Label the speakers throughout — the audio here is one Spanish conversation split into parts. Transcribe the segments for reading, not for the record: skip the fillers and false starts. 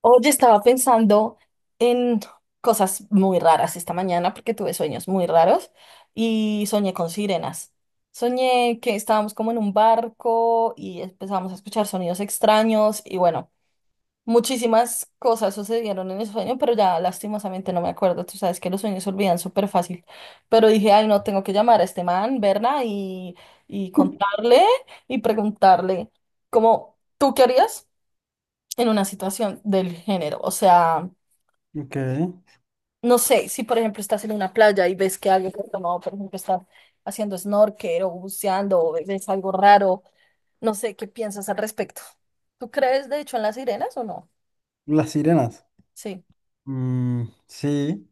Speaker 1: Oye, estaba pensando en cosas muy raras esta mañana porque tuve sueños muy raros y soñé con sirenas. Soñé que estábamos como en un barco y empezamos a escuchar sonidos extraños y bueno, muchísimas cosas sucedieron en el sueño, pero ya lastimosamente no me acuerdo. Tú sabes que los sueños se olvidan súper fácil. Pero dije, ay, no, tengo que llamar a este man, verla y contarle y preguntarle, como, ¿tú qué harías? En una situación del género. O sea,
Speaker 2: Ok.
Speaker 1: no sé, si por ejemplo estás en una playa y ves que alguien que ha tomado, por ejemplo, está haciendo snorkel o buceando o ves algo raro, no sé qué piensas al respecto. ¿Tú crees de hecho en las sirenas o no?
Speaker 2: Las sirenas.
Speaker 1: Sí,
Speaker 2: Mm, sí.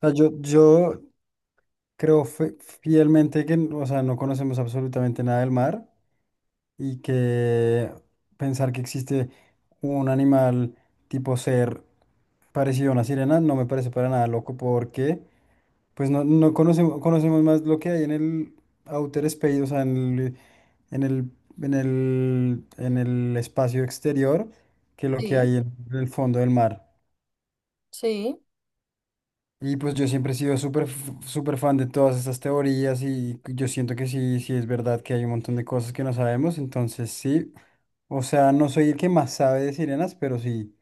Speaker 2: O sea, yo creo fielmente que, o sea, no conocemos absolutamente nada del mar y que pensar que existe un animal tipo ser parecido a una sirena no me parece para nada loco porque, pues, no, no conocemos, conocemos más lo que hay en el outer space, o sea, en en en el espacio exterior que lo que
Speaker 1: sí,
Speaker 2: hay en el fondo del mar.
Speaker 1: sí.
Speaker 2: Y pues yo siempre he sido súper, súper fan de todas estas teorías y yo siento que sí, sí es verdad que hay un montón de cosas que no sabemos, entonces sí, o sea, no soy el que más sabe de sirenas, pero sí,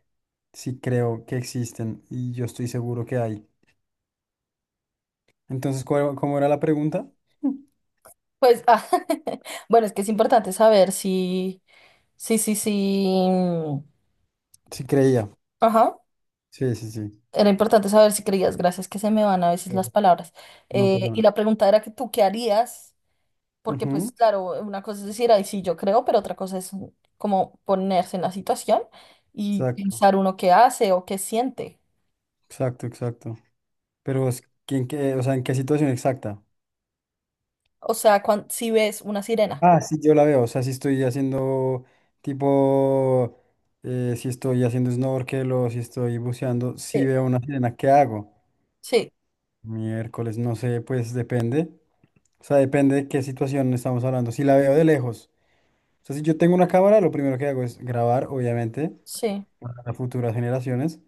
Speaker 2: sí creo que existen y yo estoy seguro que hay. Entonces, ¿cómo era la pregunta?
Speaker 1: Pues, ah, bueno, es que es importante saber si, sí, sí, sí.
Speaker 2: Sí creía,
Speaker 1: Ajá.
Speaker 2: sí, sí, sí.
Speaker 1: Era importante saber si creías, gracias que se me van a veces las
Speaker 2: Pero
Speaker 1: palabras.
Speaker 2: no pasa
Speaker 1: Y
Speaker 2: nada.
Speaker 1: la pregunta era que tú, ¿qué harías? Porque
Speaker 2: Ujú.
Speaker 1: pues claro, una cosa es decir, ay, sí, yo creo, pero otra cosa es como ponerse en la situación y
Speaker 2: Exacto,
Speaker 1: pensar uno qué hace o qué siente.
Speaker 2: exacto, exacto. Pero es que, en qué, o sea, ¿en qué situación exacta?
Speaker 1: O sea, si ves una sirena.
Speaker 2: Ah, sí, yo la veo. O sea, si estoy haciendo tipo, si estoy haciendo snorkel o si estoy buceando, si
Speaker 1: Sí.
Speaker 2: veo una sirena, ¿qué hago?
Speaker 1: Sí,
Speaker 2: Miércoles, no sé, pues depende. O sea, depende de qué situación estamos hablando. Si la veo de lejos. O sea, si yo tengo una cámara, lo primero que hago es grabar, obviamente,
Speaker 1: sí,
Speaker 2: para futuras generaciones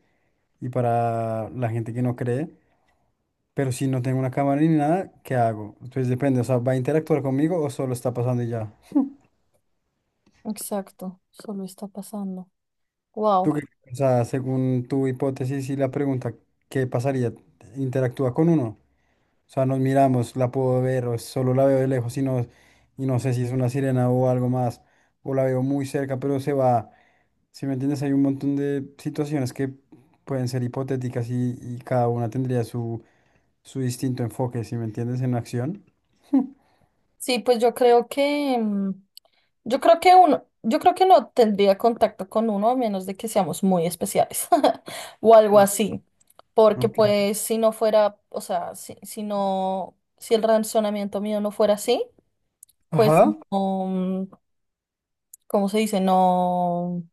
Speaker 2: y para la gente que no cree. Pero si no tengo una cámara ni nada, ¿qué hago? Entonces depende, o sea, ¿va a interactuar conmigo o solo está pasando y ya?
Speaker 1: exacto. Solo está pasando.
Speaker 2: ¿Tú
Speaker 1: Wow.
Speaker 2: qué piensas según tu hipótesis y la pregunta, qué pasaría? ¿Interactúa con uno? O sea, nos miramos, la puedo ver o solo la veo de lejos y no sé si es una sirena o algo más, o la veo muy cerca, pero se va. Si me entiendes, hay un montón de situaciones que pueden ser hipotéticas y cada una tendría su, su distinto enfoque, si me entiendes, en acción.
Speaker 1: Sí, pues yo creo que... yo creo que uno, yo creo que no tendría contacto con uno a menos de que seamos muy especiales o algo
Speaker 2: Sí.
Speaker 1: así, porque
Speaker 2: Ok.
Speaker 1: pues si no fuera, o sea, si el razonamiento mío no fuera así, pues
Speaker 2: Ajá.
Speaker 1: no, ¿cómo se dice? No, o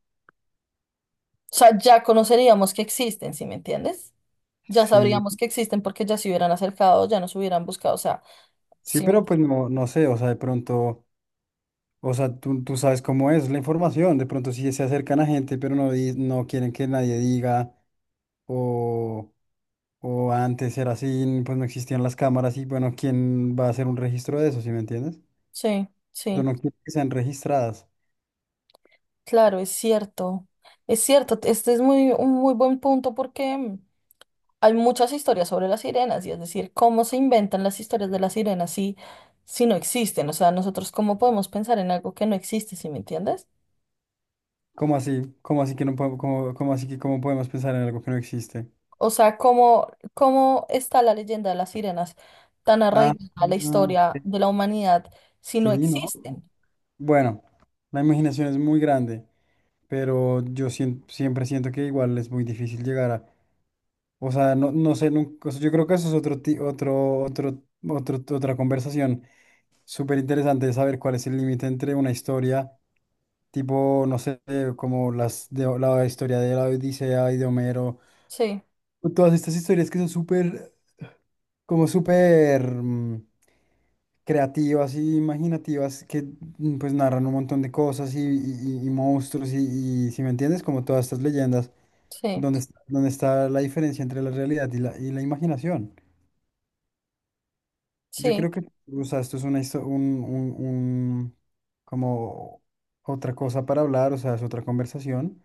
Speaker 1: sea, ya conoceríamos que existen, ¿sí me entiendes? Ya
Speaker 2: Sí,
Speaker 1: sabríamos que existen porque ya se hubieran acercado, ya nos hubieran buscado, o sea,
Speaker 2: sí,
Speaker 1: sí,
Speaker 2: pero pues no, no sé, o sea, de pronto. O sea, tú sabes cómo es la información. De pronto sí se acercan a gente, pero no, no quieren que nadie diga. O, o antes era así, pues no existían las cámaras y bueno, ¿quién va a hacer un registro de eso, si me entiendes?
Speaker 1: sí,
Speaker 2: Yo
Speaker 1: sí,
Speaker 2: no quiero que sean registradas.
Speaker 1: claro, es cierto, este es muy, un muy buen punto porque hay muchas historias sobre las sirenas, y es decir, cómo se inventan las historias de las sirenas si, si no existen. O sea, nosotros cómo podemos pensar en algo que no existe, ¿sí me entiendes?
Speaker 2: ¿Cómo así? ¿Cómo así que no podemos, cómo, cómo así que cómo podemos pensar en algo que no existe?
Speaker 1: O sea, cómo, cómo está la leyenda de las sirenas tan
Speaker 2: Ah,
Speaker 1: arraigada a la
Speaker 2: ah,
Speaker 1: historia
Speaker 2: ok,
Speaker 1: de la humanidad si no
Speaker 2: sí, ¿no?
Speaker 1: existen.
Speaker 2: Bueno, la imaginación es muy grande pero yo siempre siento que igual es muy difícil llegar a... O sea, no, no sé, nunca, o sea, yo creo que eso es otro, otra conversación súper interesante de saber cuál es el límite entre una historia, tipo, no sé, como las de la historia de la Odisea y de Homero,
Speaker 1: Sí,
Speaker 2: o todas estas historias que son súper, como súper mm, creativas y imaginativas, que mm, pues narran un montón de cosas y monstruos y si me entiendes, como todas estas leyendas
Speaker 1: sí,
Speaker 2: donde está la diferencia entre la realidad y la imaginación. Yo
Speaker 1: sí.
Speaker 2: creo que, o sea, esto es una, como otra cosa para hablar, o sea, es otra conversación,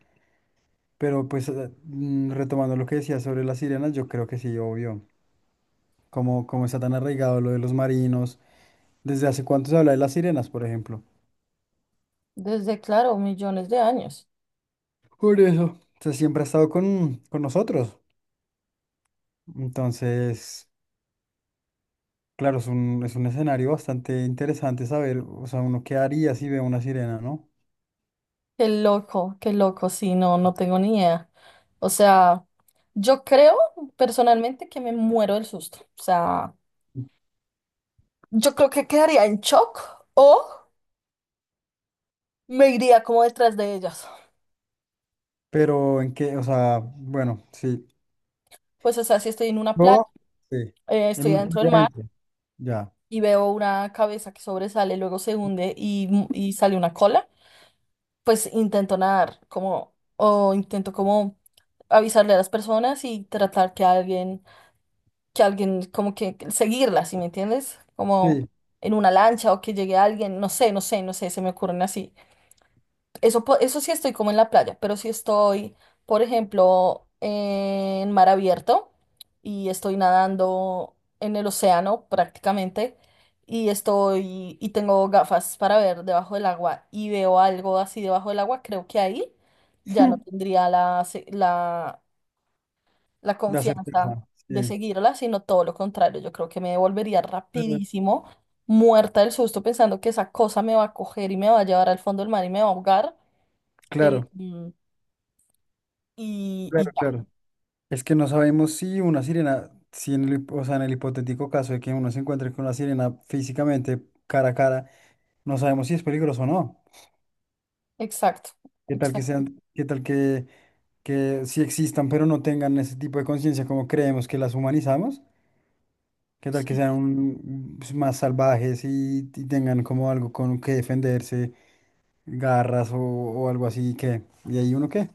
Speaker 2: pero pues retomando lo que decía sobre las sirenas, yo creo que sí, obvio, como, como está tan arraigado lo de los marinos, desde hace cuánto se habla de las sirenas, por ejemplo.
Speaker 1: Desde, claro, millones de años.
Speaker 2: Por eso. O sea, siempre ha estado con nosotros. Entonces... Claro, es un escenario bastante interesante saber, o sea, uno qué haría si ve una sirena, ¿no?
Speaker 1: Qué loco, sí, no, no tengo ni idea. O sea, yo creo personalmente que me muero del susto. O sea, yo creo que quedaría en shock o me iría como detrás de ellas.
Speaker 2: Pero en qué, o sea, bueno, sí.
Speaker 1: Pues, o sea, si estoy en una playa,
Speaker 2: Yo, sí. En
Speaker 1: estoy
Speaker 2: una
Speaker 1: adentro del
Speaker 2: playa
Speaker 1: mar
Speaker 2: adentro, ya.
Speaker 1: y veo una cabeza que sobresale, luego se hunde y sale una cola, pues intento nadar como, o intento como avisarle a las personas y tratar que alguien como que seguirlas, ¿sí me entiendes? Como
Speaker 2: Sí.
Speaker 1: en una lancha o que llegue alguien, no sé, no sé, no sé, se me ocurren así. Eso, eso sí estoy como en la playa, pero si estoy, por ejemplo, en mar abierto y estoy nadando en el océano prácticamente y tengo gafas para ver debajo del agua y veo algo así debajo del agua, creo que ahí ya no tendría la
Speaker 2: La
Speaker 1: confianza
Speaker 2: certeza,
Speaker 1: de
Speaker 2: sí.
Speaker 1: seguirla, sino todo lo contrario. Yo creo que me devolvería
Speaker 2: Claro,
Speaker 1: rapidísimo, muerta del susto, pensando que esa cosa me va a coger y me va a llevar al fondo del mar y me va a ahogar. Eh,
Speaker 2: claro,
Speaker 1: mm, y
Speaker 2: claro,
Speaker 1: ya,
Speaker 2: claro. Es que no sabemos si una sirena, si en el, o sea, en el hipotético caso de que uno se encuentre con una sirena físicamente cara a cara, no sabemos si es peligroso o no.
Speaker 1: exacto,
Speaker 2: ¿Qué tal que
Speaker 1: exacto,
Speaker 2: sean, qué tal que sí existan, pero no tengan ese tipo de conciencia como creemos que las humanizamos? ¿Qué tal que
Speaker 1: sí.
Speaker 2: sean pues, más salvajes y tengan como algo con que defenderse, garras o algo así que... Y ahí uno qué,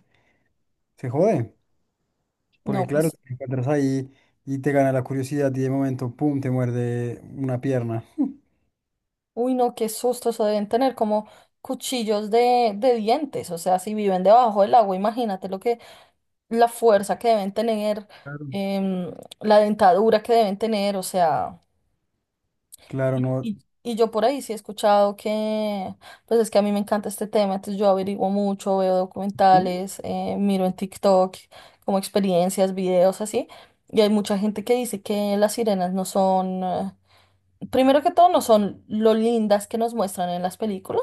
Speaker 2: se jode, porque
Speaker 1: No,
Speaker 2: claro,
Speaker 1: pues,
Speaker 2: te encuentras ahí y te gana la curiosidad y de momento, pum, te muerde una pierna.
Speaker 1: uy, no, qué susto, eso deben tener como cuchillos de dientes, o sea, si viven debajo del agua, imagínate lo que, la fuerza que deben tener,
Speaker 2: Claro,
Speaker 1: em, la dentadura que deben tener, o sea...
Speaker 2: claro,
Speaker 1: Y,
Speaker 2: no.
Speaker 1: y- y yo por ahí sí he escuchado que, pues es que a mí me encanta este tema, entonces yo averiguo mucho, veo
Speaker 2: ¿Mm?
Speaker 1: documentales, miro en TikTok como experiencias, videos así, y hay mucha gente que dice que las sirenas no son, primero que todo, no son lo lindas que nos muestran en las películas.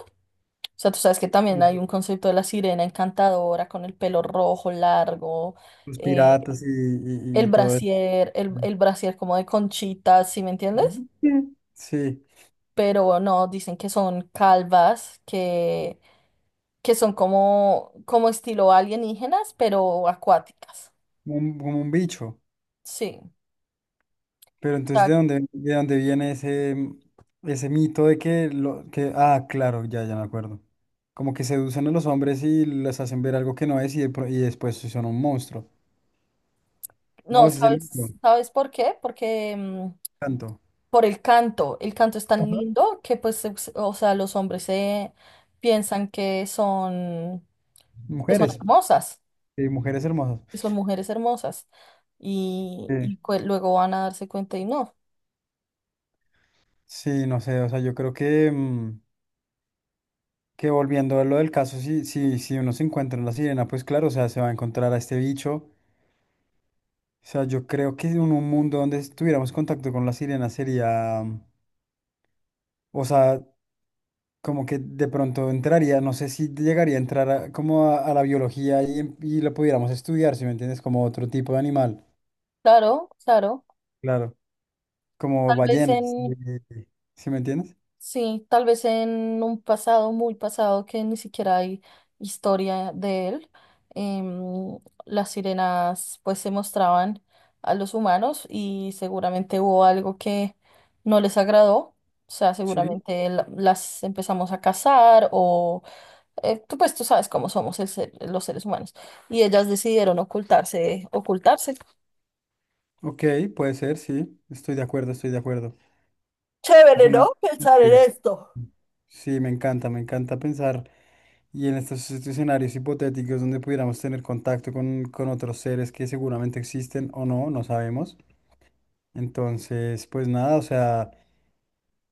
Speaker 1: O sea, tú sabes que también
Speaker 2: Y
Speaker 1: hay un concepto de la sirena encantadora con el pelo rojo largo,
Speaker 2: los
Speaker 1: eh,
Speaker 2: piratas
Speaker 1: el
Speaker 2: y todo eso.
Speaker 1: brasier, el brasier como de conchitas, ¿sí me entiendes?
Speaker 2: Ujú. Sí,
Speaker 1: Pero no, dicen que son calvas, que son como, como estilo alienígenas, pero acuáticas.
Speaker 2: como un bicho.
Speaker 1: Sí.
Speaker 2: Pero
Speaker 1: O
Speaker 2: entonces,
Speaker 1: sea,
Speaker 2: de dónde viene ese, mm, ese mito de que lo que, ah, claro, ya, ya me acuerdo. Como que seducen a los hombres y les hacen ver algo que no es y, y después sí son un monstruo. No,
Speaker 1: no,
Speaker 2: ese es el mito.
Speaker 1: ¿sabes, sabes por qué? Porque
Speaker 2: Tanto.
Speaker 1: por el canto. El canto es tan
Speaker 2: Ajá.
Speaker 1: lindo que pues, o sea, los hombres se piensan que son
Speaker 2: Mujeres,
Speaker 1: hermosas,
Speaker 2: sí, mujeres hermosas.
Speaker 1: que son mujeres hermosas. Y,
Speaker 2: Sí.
Speaker 1: y cue- luego van a darse cuenta y no.
Speaker 2: Sí, no sé, o sea, yo creo que, mm, que volviendo a lo del caso, si, si, si uno se encuentra en la sirena, pues claro, o sea, se va a encontrar a este bicho. O sea, yo creo que en un mundo donde tuviéramos contacto con la sirena sería, mm, o sea, como que de pronto entraría, no sé si llegaría a entrar como a la biología y, y lo pudiéramos estudiar, si me entiendes, como otro tipo de animal.
Speaker 1: Claro, claro.
Speaker 2: Claro, como
Speaker 1: Tal vez
Speaker 2: ballenas,
Speaker 1: en,
Speaker 2: ¿si me entiendes?
Speaker 1: sí, tal vez en un pasado muy pasado que ni siquiera hay historia de él, em, las sirenas pues se mostraban a los humanos y seguramente hubo algo que no les agradó. O sea,
Speaker 2: Sí.
Speaker 1: seguramente las empezamos a cazar o tú pues tú sabes cómo somos los seres humanos y ellas decidieron ocultarse, ocultarse.
Speaker 2: Ok, puede ser, sí, estoy de acuerdo, estoy de acuerdo. Es
Speaker 1: Chévere,
Speaker 2: una...
Speaker 1: ¿no? Pensar en
Speaker 2: Ya.
Speaker 1: esto.
Speaker 2: Sí, me encanta pensar y en estos escenarios hipotéticos donde pudiéramos tener contacto con otros seres que seguramente existen o no, no sabemos. Entonces, pues nada, o sea...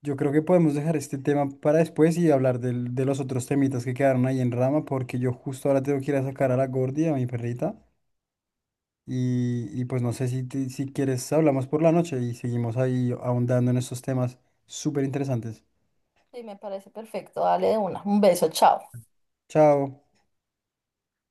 Speaker 2: Yo creo que podemos dejar este tema para después y hablar de los otros temitas que quedaron ahí en rama, porque yo justo ahora tengo que ir a sacar a la Gordi, a mi perrita, y pues no sé si, si quieres, hablamos por la noche y seguimos ahí ahondando en estos temas súper interesantes.
Speaker 1: Sí, me parece perfecto. Dale de una. Un beso, chao.
Speaker 2: Chao.